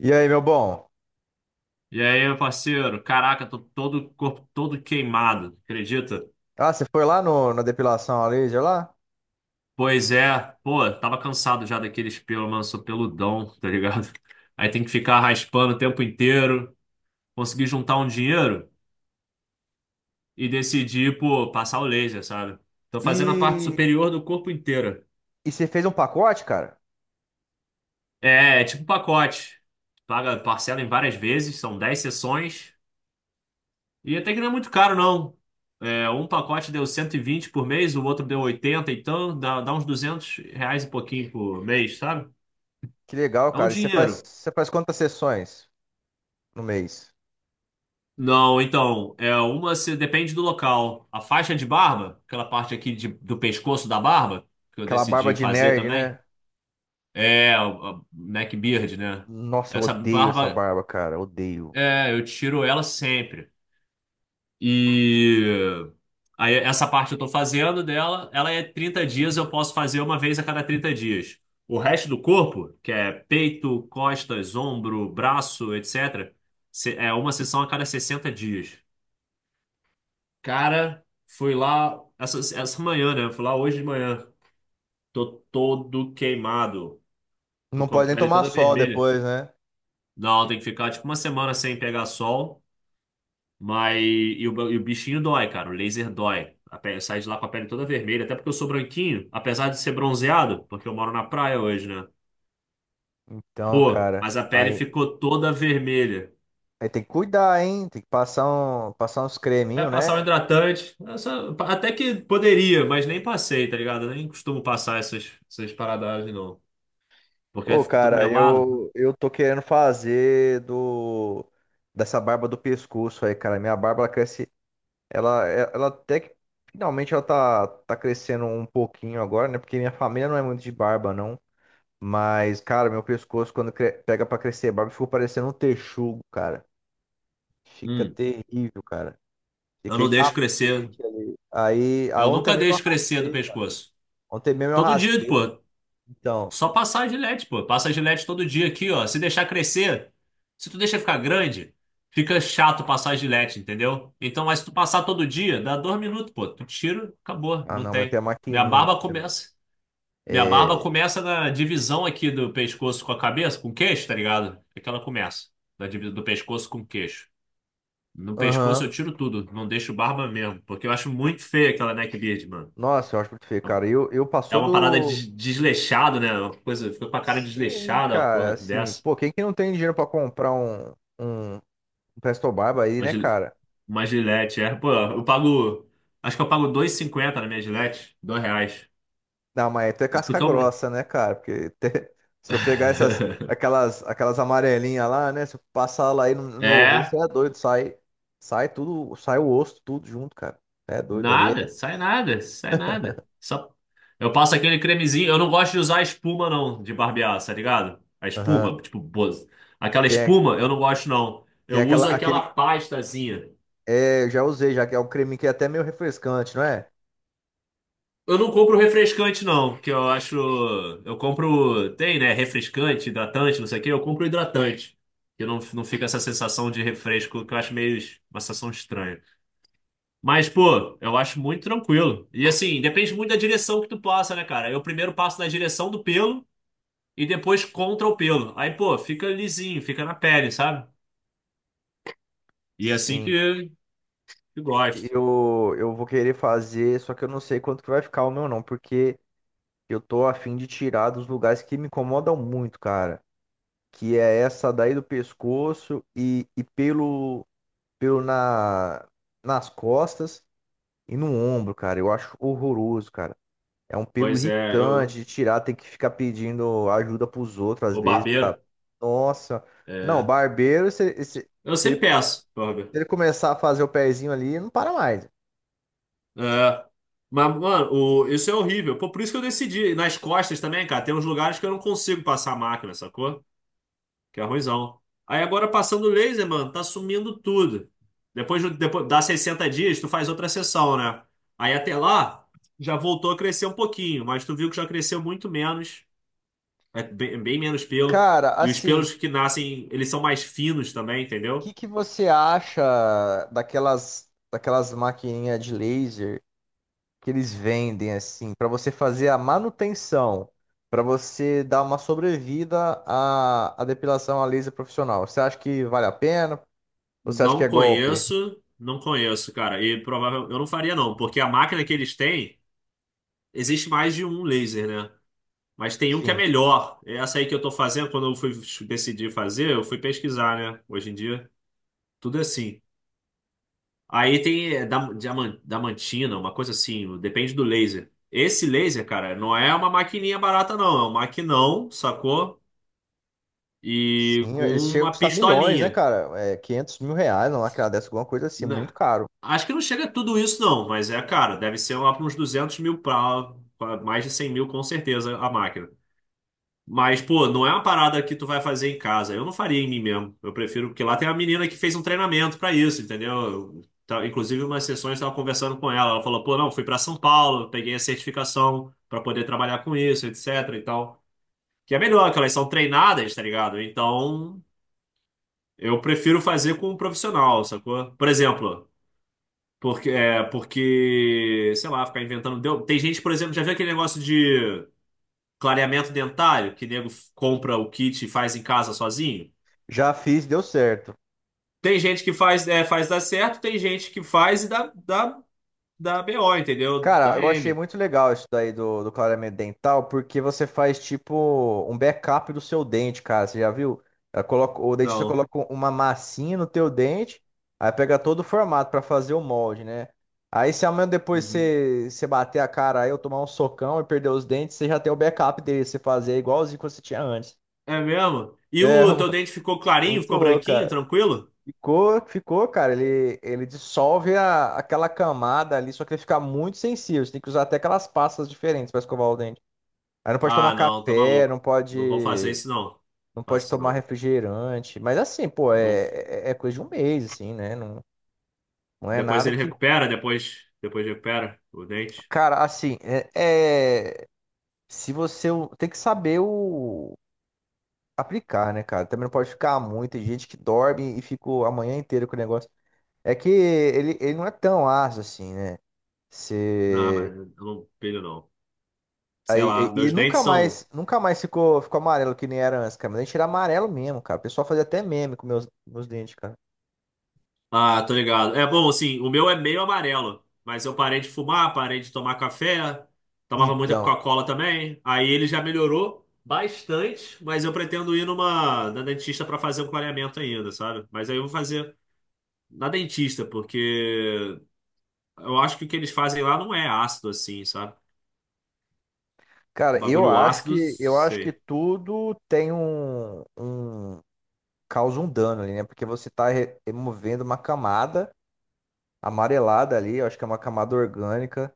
E aí, meu bom? E aí, meu parceiro? Caraca, tô todo corpo todo queimado, acredita? Ah, você foi lá no, na depilação a laser lá? Pois é, pô, tava cansado já daqueles pelos, mano, sou peludão, tá ligado? Aí tem que ficar raspando o tempo inteiro, consegui juntar um dinheiro e decidi, pô, passar o laser, sabe? Tô fazendo a parte E, superior do corpo inteiro. e você fez um pacote, cara? É tipo pacote. Paga parcela em várias vezes, são 10 sessões. E até que não é muito caro, não. É, um pacote deu 120 por mês, o outro deu 80, então dá, uns R$ 200 e pouquinho por mês, sabe? Que legal, É um cara. E dinheiro. você faz quantas sessões no mês? Não, então, é uma se depende do local. A faixa de barba, aquela parte aqui do pescoço da barba, que eu Aquela barba decidi de fazer nerd, né? também, é a neck beard, né? Nossa, eu Essa odeio essa barba, barba, cara. Odeio. é, eu tiro ela sempre. E aí essa parte eu tô fazendo dela, ela é 30 dias, eu posso fazer uma vez a cada 30 dias. O resto do corpo, que é peito, costas, ombro, braço, etc., é uma sessão a cada 60 dias. Cara, fui lá essa manhã, né? Fui lá hoje de manhã. Tô todo queimado. Tô Não com a pode nem pele tomar toda sol vermelha. depois, né? Não, tem que ficar tipo uma semana sem pegar sol. Mas e o bichinho dói, cara. O laser dói. A pele, sai de lá com a pele toda vermelha. Até porque eu sou branquinho, apesar de ser bronzeado, porque eu moro na praia hoje, né? Então, Pô, cara, mas a pele aí, ficou toda vermelha. aí tem que cuidar, hein? Tem que passar, passar uns É, creminhos, né? passar um hidratante. Até que poderia, mas nem passei, tá ligado? Eu nem costumo passar essas paradas, não. Porque aí Ô, fica todo cara, melado. eu tô querendo fazer do dessa barba do pescoço aí, cara. Minha barba ela cresce. Ela até que finalmente ela tá crescendo um pouquinho agora, né? Porque minha família não é muito de barba, não. Mas, cara, meu pescoço, quando pega pra crescer barba, ficou parecendo um texugo, cara. Fica Hum, terrível, cara. eu Fica aí não deixo crescer. tapete ali. Eu Ontem nunca mesmo eu deixo crescer do raspei, cara. pescoço. Ontem mesmo eu Todo dia, raspei. pô. Então, Só passar a Gillette, pô. Passa a Gillette todo dia aqui, ó. Se deixar crescer, se tu deixa ficar grande, fica chato passar a Gillette, entendeu? Então, mas se tu passar todo dia, dá 2 minutos, pô. Tu tira, acabou, ah, não não, mas tem tem. a Minha maquininha aqui barba também. começa. Minha barba É, começa na divisão aqui do pescoço com a cabeça, com o queixo, tá ligado? É que ela começa. Da divisão do pescoço com o queixo. No pescoço aham. eu tiro tudo, não deixo barba mesmo, porque eu acho muito feia aquela neckbeard, mano. Nossa, eu acho muito feio, cara. Eu É passou uma parada do. de desleixado, né? Uma coisa, fica com a cara Sim, desleixada, uma cara, porra assim. dessa. Pô, quem que não tem dinheiro pra comprar um um Presto Barba aí, Uma, né, gil- cara? uma gilete, é. Pô, eu pago. Acho que eu pago 2,50 na minha gilete. R$ 2. Não, mas tu é Isso casca porque eu. grossa, né, cara? Se eu pegar aquelas amarelinhas lá, né? Se eu passar lá aí no meu rosto, É, você é doido, sai, sai tudo, sai o osso, tudo junto, cara. É doido ali. nada, É... sai nada, sai nada. Só. Eu passo aquele cremezinho. Eu não gosto de usar espuma, não, de barbear, tá ligado? A Aham. espuma, tipo, aquela Tem, a- espuma, eu não gosto, não. tem Eu aquela, uso aquela aquele, pastazinha. é, eu já usei, já que é um creme que é até meio refrescante, não é? Eu não compro refrescante, não, que eu acho. Eu compro. Tem, né? Refrescante, hidratante, não sei o quê. Eu compro hidratante. Que não fica essa sensação de refresco, que eu acho meio uma sensação estranha. Mas, pô, eu acho muito tranquilo. E assim, depende muito da direção que tu passa, né, cara? Eu primeiro passo na direção do pelo e depois contra o pelo. Aí, pô, fica lisinho, fica na pele, sabe? E é assim Sim. Que gosto. Eu vou querer fazer, só que eu não sei quanto que vai ficar o meu não, porque eu tô afim de tirar dos lugares que me incomodam muito, cara. Que é essa daí do pescoço e pelo nas costas e no ombro, cara. Eu acho horroroso, cara. É um pelo Pois é, irritante eu. de tirar, tem que ficar pedindo ajuda pros outros às O vezes. Pra... barbeiro. Nossa, não, É. barbeiro, se, se, Eu se ele, sempre come- se peço, barbeiro. ele começar a fazer o pezinho ali, não para mais. É. Mas, mano, isso é horrível. Pô, por isso que eu decidi. E nas costas também, cara, tem uns lugares que eu não consigo passar a máquina, sacou? Que é ruimzão. Aí agora passando o laser, mano, tá sumindo tudo. Depois, depois dá 60 dias, tu faz outra sessão, né? Aí até lá, já voltou a crescer um pouquinho, mas tu viu que já cresceu muito menos. É bem, bem menos pelo. Cara, E os assim, o pelos que nascem, eles são mais finos também, que entendeu? que você acha daquelas maquininhas de laser? Que eles vendem assim para você fazer a manutenção, para você dar uma sobrevida à depilação a laser profissional. Você acha que vale a pena? Ou você acha que Não é golpe? conheço, não conheço, cara. E provavelmente eu não faria, não, porque a máquina que eles têm. Existe mais de um laser, né? Mas tem um que é Sim. melhor. É essa aí que eu tô fazendo, quando eu fui decidir fazer, eu fui pesquisar, né? Hoje em dia, tudo é assim. Aí tem é, diamantina, uma coisa assim, depende do laser. Esse laser, cara, não é uma maquininha barata, não. É um maquinão, sacou? E Sim, com eles chegam a uma custar milhões, né, pistolinha. cara? É, 500 mil reais, uma máquina dessa, alguma coisa assim, muito Né? caro. Acho que não chega a tudo isso, não. Mas é, cara, deve ser lá para uns 200 mil pra, mais de 100 mil, com certeza, a máquina. Mas, pô, não é uma parada que tu vai fazer em casa. Eu não faria em mim mesmo. Eu prefiro, porque lá tem uma menina que fez um treinamento pra isso, entendeu? Eu, tá- inclusive, umas sessões eu estava conversando com ela. Ela falou, pô, não, fui pra São Paulo, peguei a certificação pra poder trabalhar com isso, etc. e tal. Que é melhor, que elas são treinadas, tá ligado? Então, eu prefiro fazer com um profissional, sacou? Por exemplo, porque, é, porque, sei lá, ficar inventando. Tem gente, por exemplo, já viu aquele negócio de. Clareamento dentário, que nego compra o kit e faz em casa sozinho. Já fiz, deu certo. Tem gente que faz, é, faz dar certo, tem gente que faz e dá, dá BO, entendeu? Cara, Dá eu achei M. muito legal isso daí do clareamento dental, porque você faz tipo um backup do seu dente, cara. Você já viu? O dentista Não. coloca uma massinha no teu dente, aí pega todo o formato pra fazer o molde, né? Aí se amanhã depois Uhum. você bater a cara aí, eu tomar um socão e perder os dentes, você já tem o backup dele, você fazer igualzinho que você tinha antes. É mesmo? E É, o teu dente ficou clarinho, muito ficou louco, branquinho, cara. tranquilo? Ficou, ficou, cara. Ele dissolve aquela camada ali, só que ele fica muito sensível. Você tem que usar até aquelas pastas diferentes para escovar o dente. Aí não pode tomar Ah, não, tá café, não maluco. Não vou fazer pode, isso, não. não pode Faço isso, tomar não. refrigerante. Mas assim, pô, Não. é, é coisa de um mês, assim, né? Não, não é Depois nada ele que. recupera, depois recupera o dente. Cara, assim, é, é- se você o- tem que saber o aplicar, né, cara? Também não pode ficar muito. Tem gente que dorme e fica a manhã inteira com o negócio. É que ele não é tão ácido assim, né? Não, Se... mas eu não pilho, não. Sei lá, Aí, e, e meus dentes nunca são. mais, nunca mais ficou amarelo que nem era antes, cara. Mas a gente era amarelo mesmo, cara. O pessoal fazia até meme com meus dentes, cara. Ah, tô ligado. É bom, assim, o meu é meio amarelo, mas eu parei de fumar, parei de tomar café, tomava muita Então, Coca-Cola também. Aí ele já melhorou bastante, mas eu pretendo ir numa na dentista pra fazer um clareamento ainda, sabe? Mas aí eu vou fazer na dentista, porque eu acho que o que eles fazem lá não é ácido assim, sabe? cara, eu Bagulho acho ácido, que eu acho que sei. tudo tem causa um dano ali, né? Porque você tá removendo uma camada amarelada ali, eu acho que é uma camada orgânica.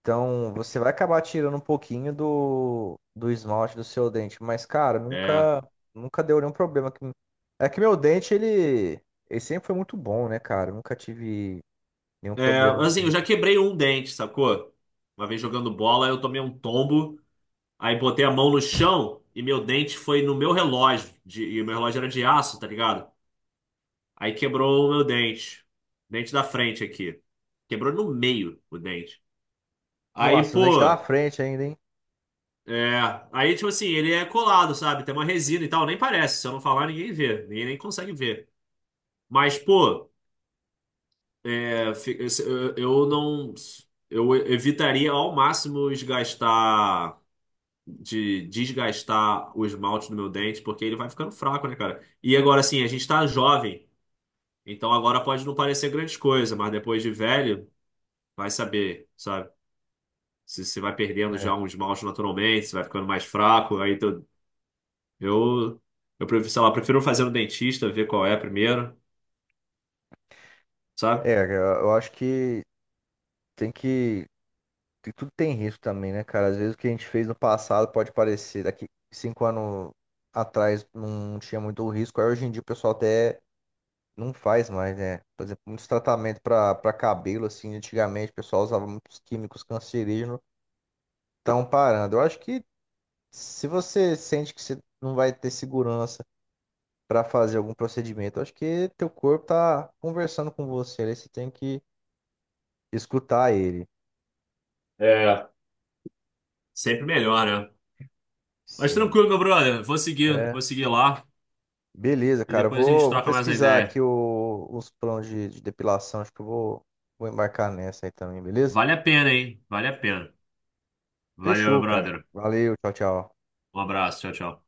Então, você vai acabar tirando um pouquinho do esmalte do seu dente, mas, cara, É, nunca, nunca deu nenhum problema. É que meu dente, ele sempre foi muito bom, né, cara? Eu nunca tive nenhum É, problema no assim, eu dente. já quebrei um dente, sacou? Uma vez jogando bola, eu tomei um tombo. Aí botei a mão no chão e meu dente foi no meu relógio. E o meu relógio era de aço, tá ligado? Aí quebrou o meu dente. Dente da frente aqui. Quebrou no meio o dente. Aí, Nossa, o dente dá uma pô. frente ainda, hein? É. Aí, tipo assim, ele é colado, sabe? Tem uma resina e tal. Nem parece. Se eu não falar, ninguém vê. Ninguém nem consegue ver. Mas, pô. é, fi- eu não. Eu evitaria ao máximo gastar de desgastar o esmalte do meu dente, porque ele vai ficando fraco, né, cara? E agora, assim, a gente tá jovem, então agora pode não parecer grande coisa, mas depois de velho, vai saber, sabe? Se você vai perdendo É, já um esmalte naturalmente, se vai ficando mais fraco, eu, eu prefiro, sei lá, prefiro fazer no dentista, ver qual é primeiro, é, sabe? eu acho que tem que. Que tudo tem risco também, né, cara? Às vezes o que a gente fez no passado pode parecer daqui 5 anos atrás não tinha muito risco, aí hoje em dia o pessoal até. Não faz mais, né? Por exemplo, muitos tratamentos para cabelo, assim, antigamente o pessoal usava muitos químicos cancerígenos, estão parando. Eu acho que se você sente que você não vai ter segurança para fazer algum procedimento, eu acho que teu corpo tá conversando com você, aí você tem que escutar ele. É, sempre melhor, né? Mas Sim. tranquilo, meu brother, É. vou seguir lá Beleza, e cara. Eu depois a gente vou, vou troca mais uma pesquisar aqui ideia. o, os planos de depilação. Acho que eu vou, vou embarcar nessa aí também, beleza? Vale a pena, hein? Vale a pena. Valeu, meu Fechou, cara. brother. Valeu, tchau, tchau. Um abraço, tchau, tchau.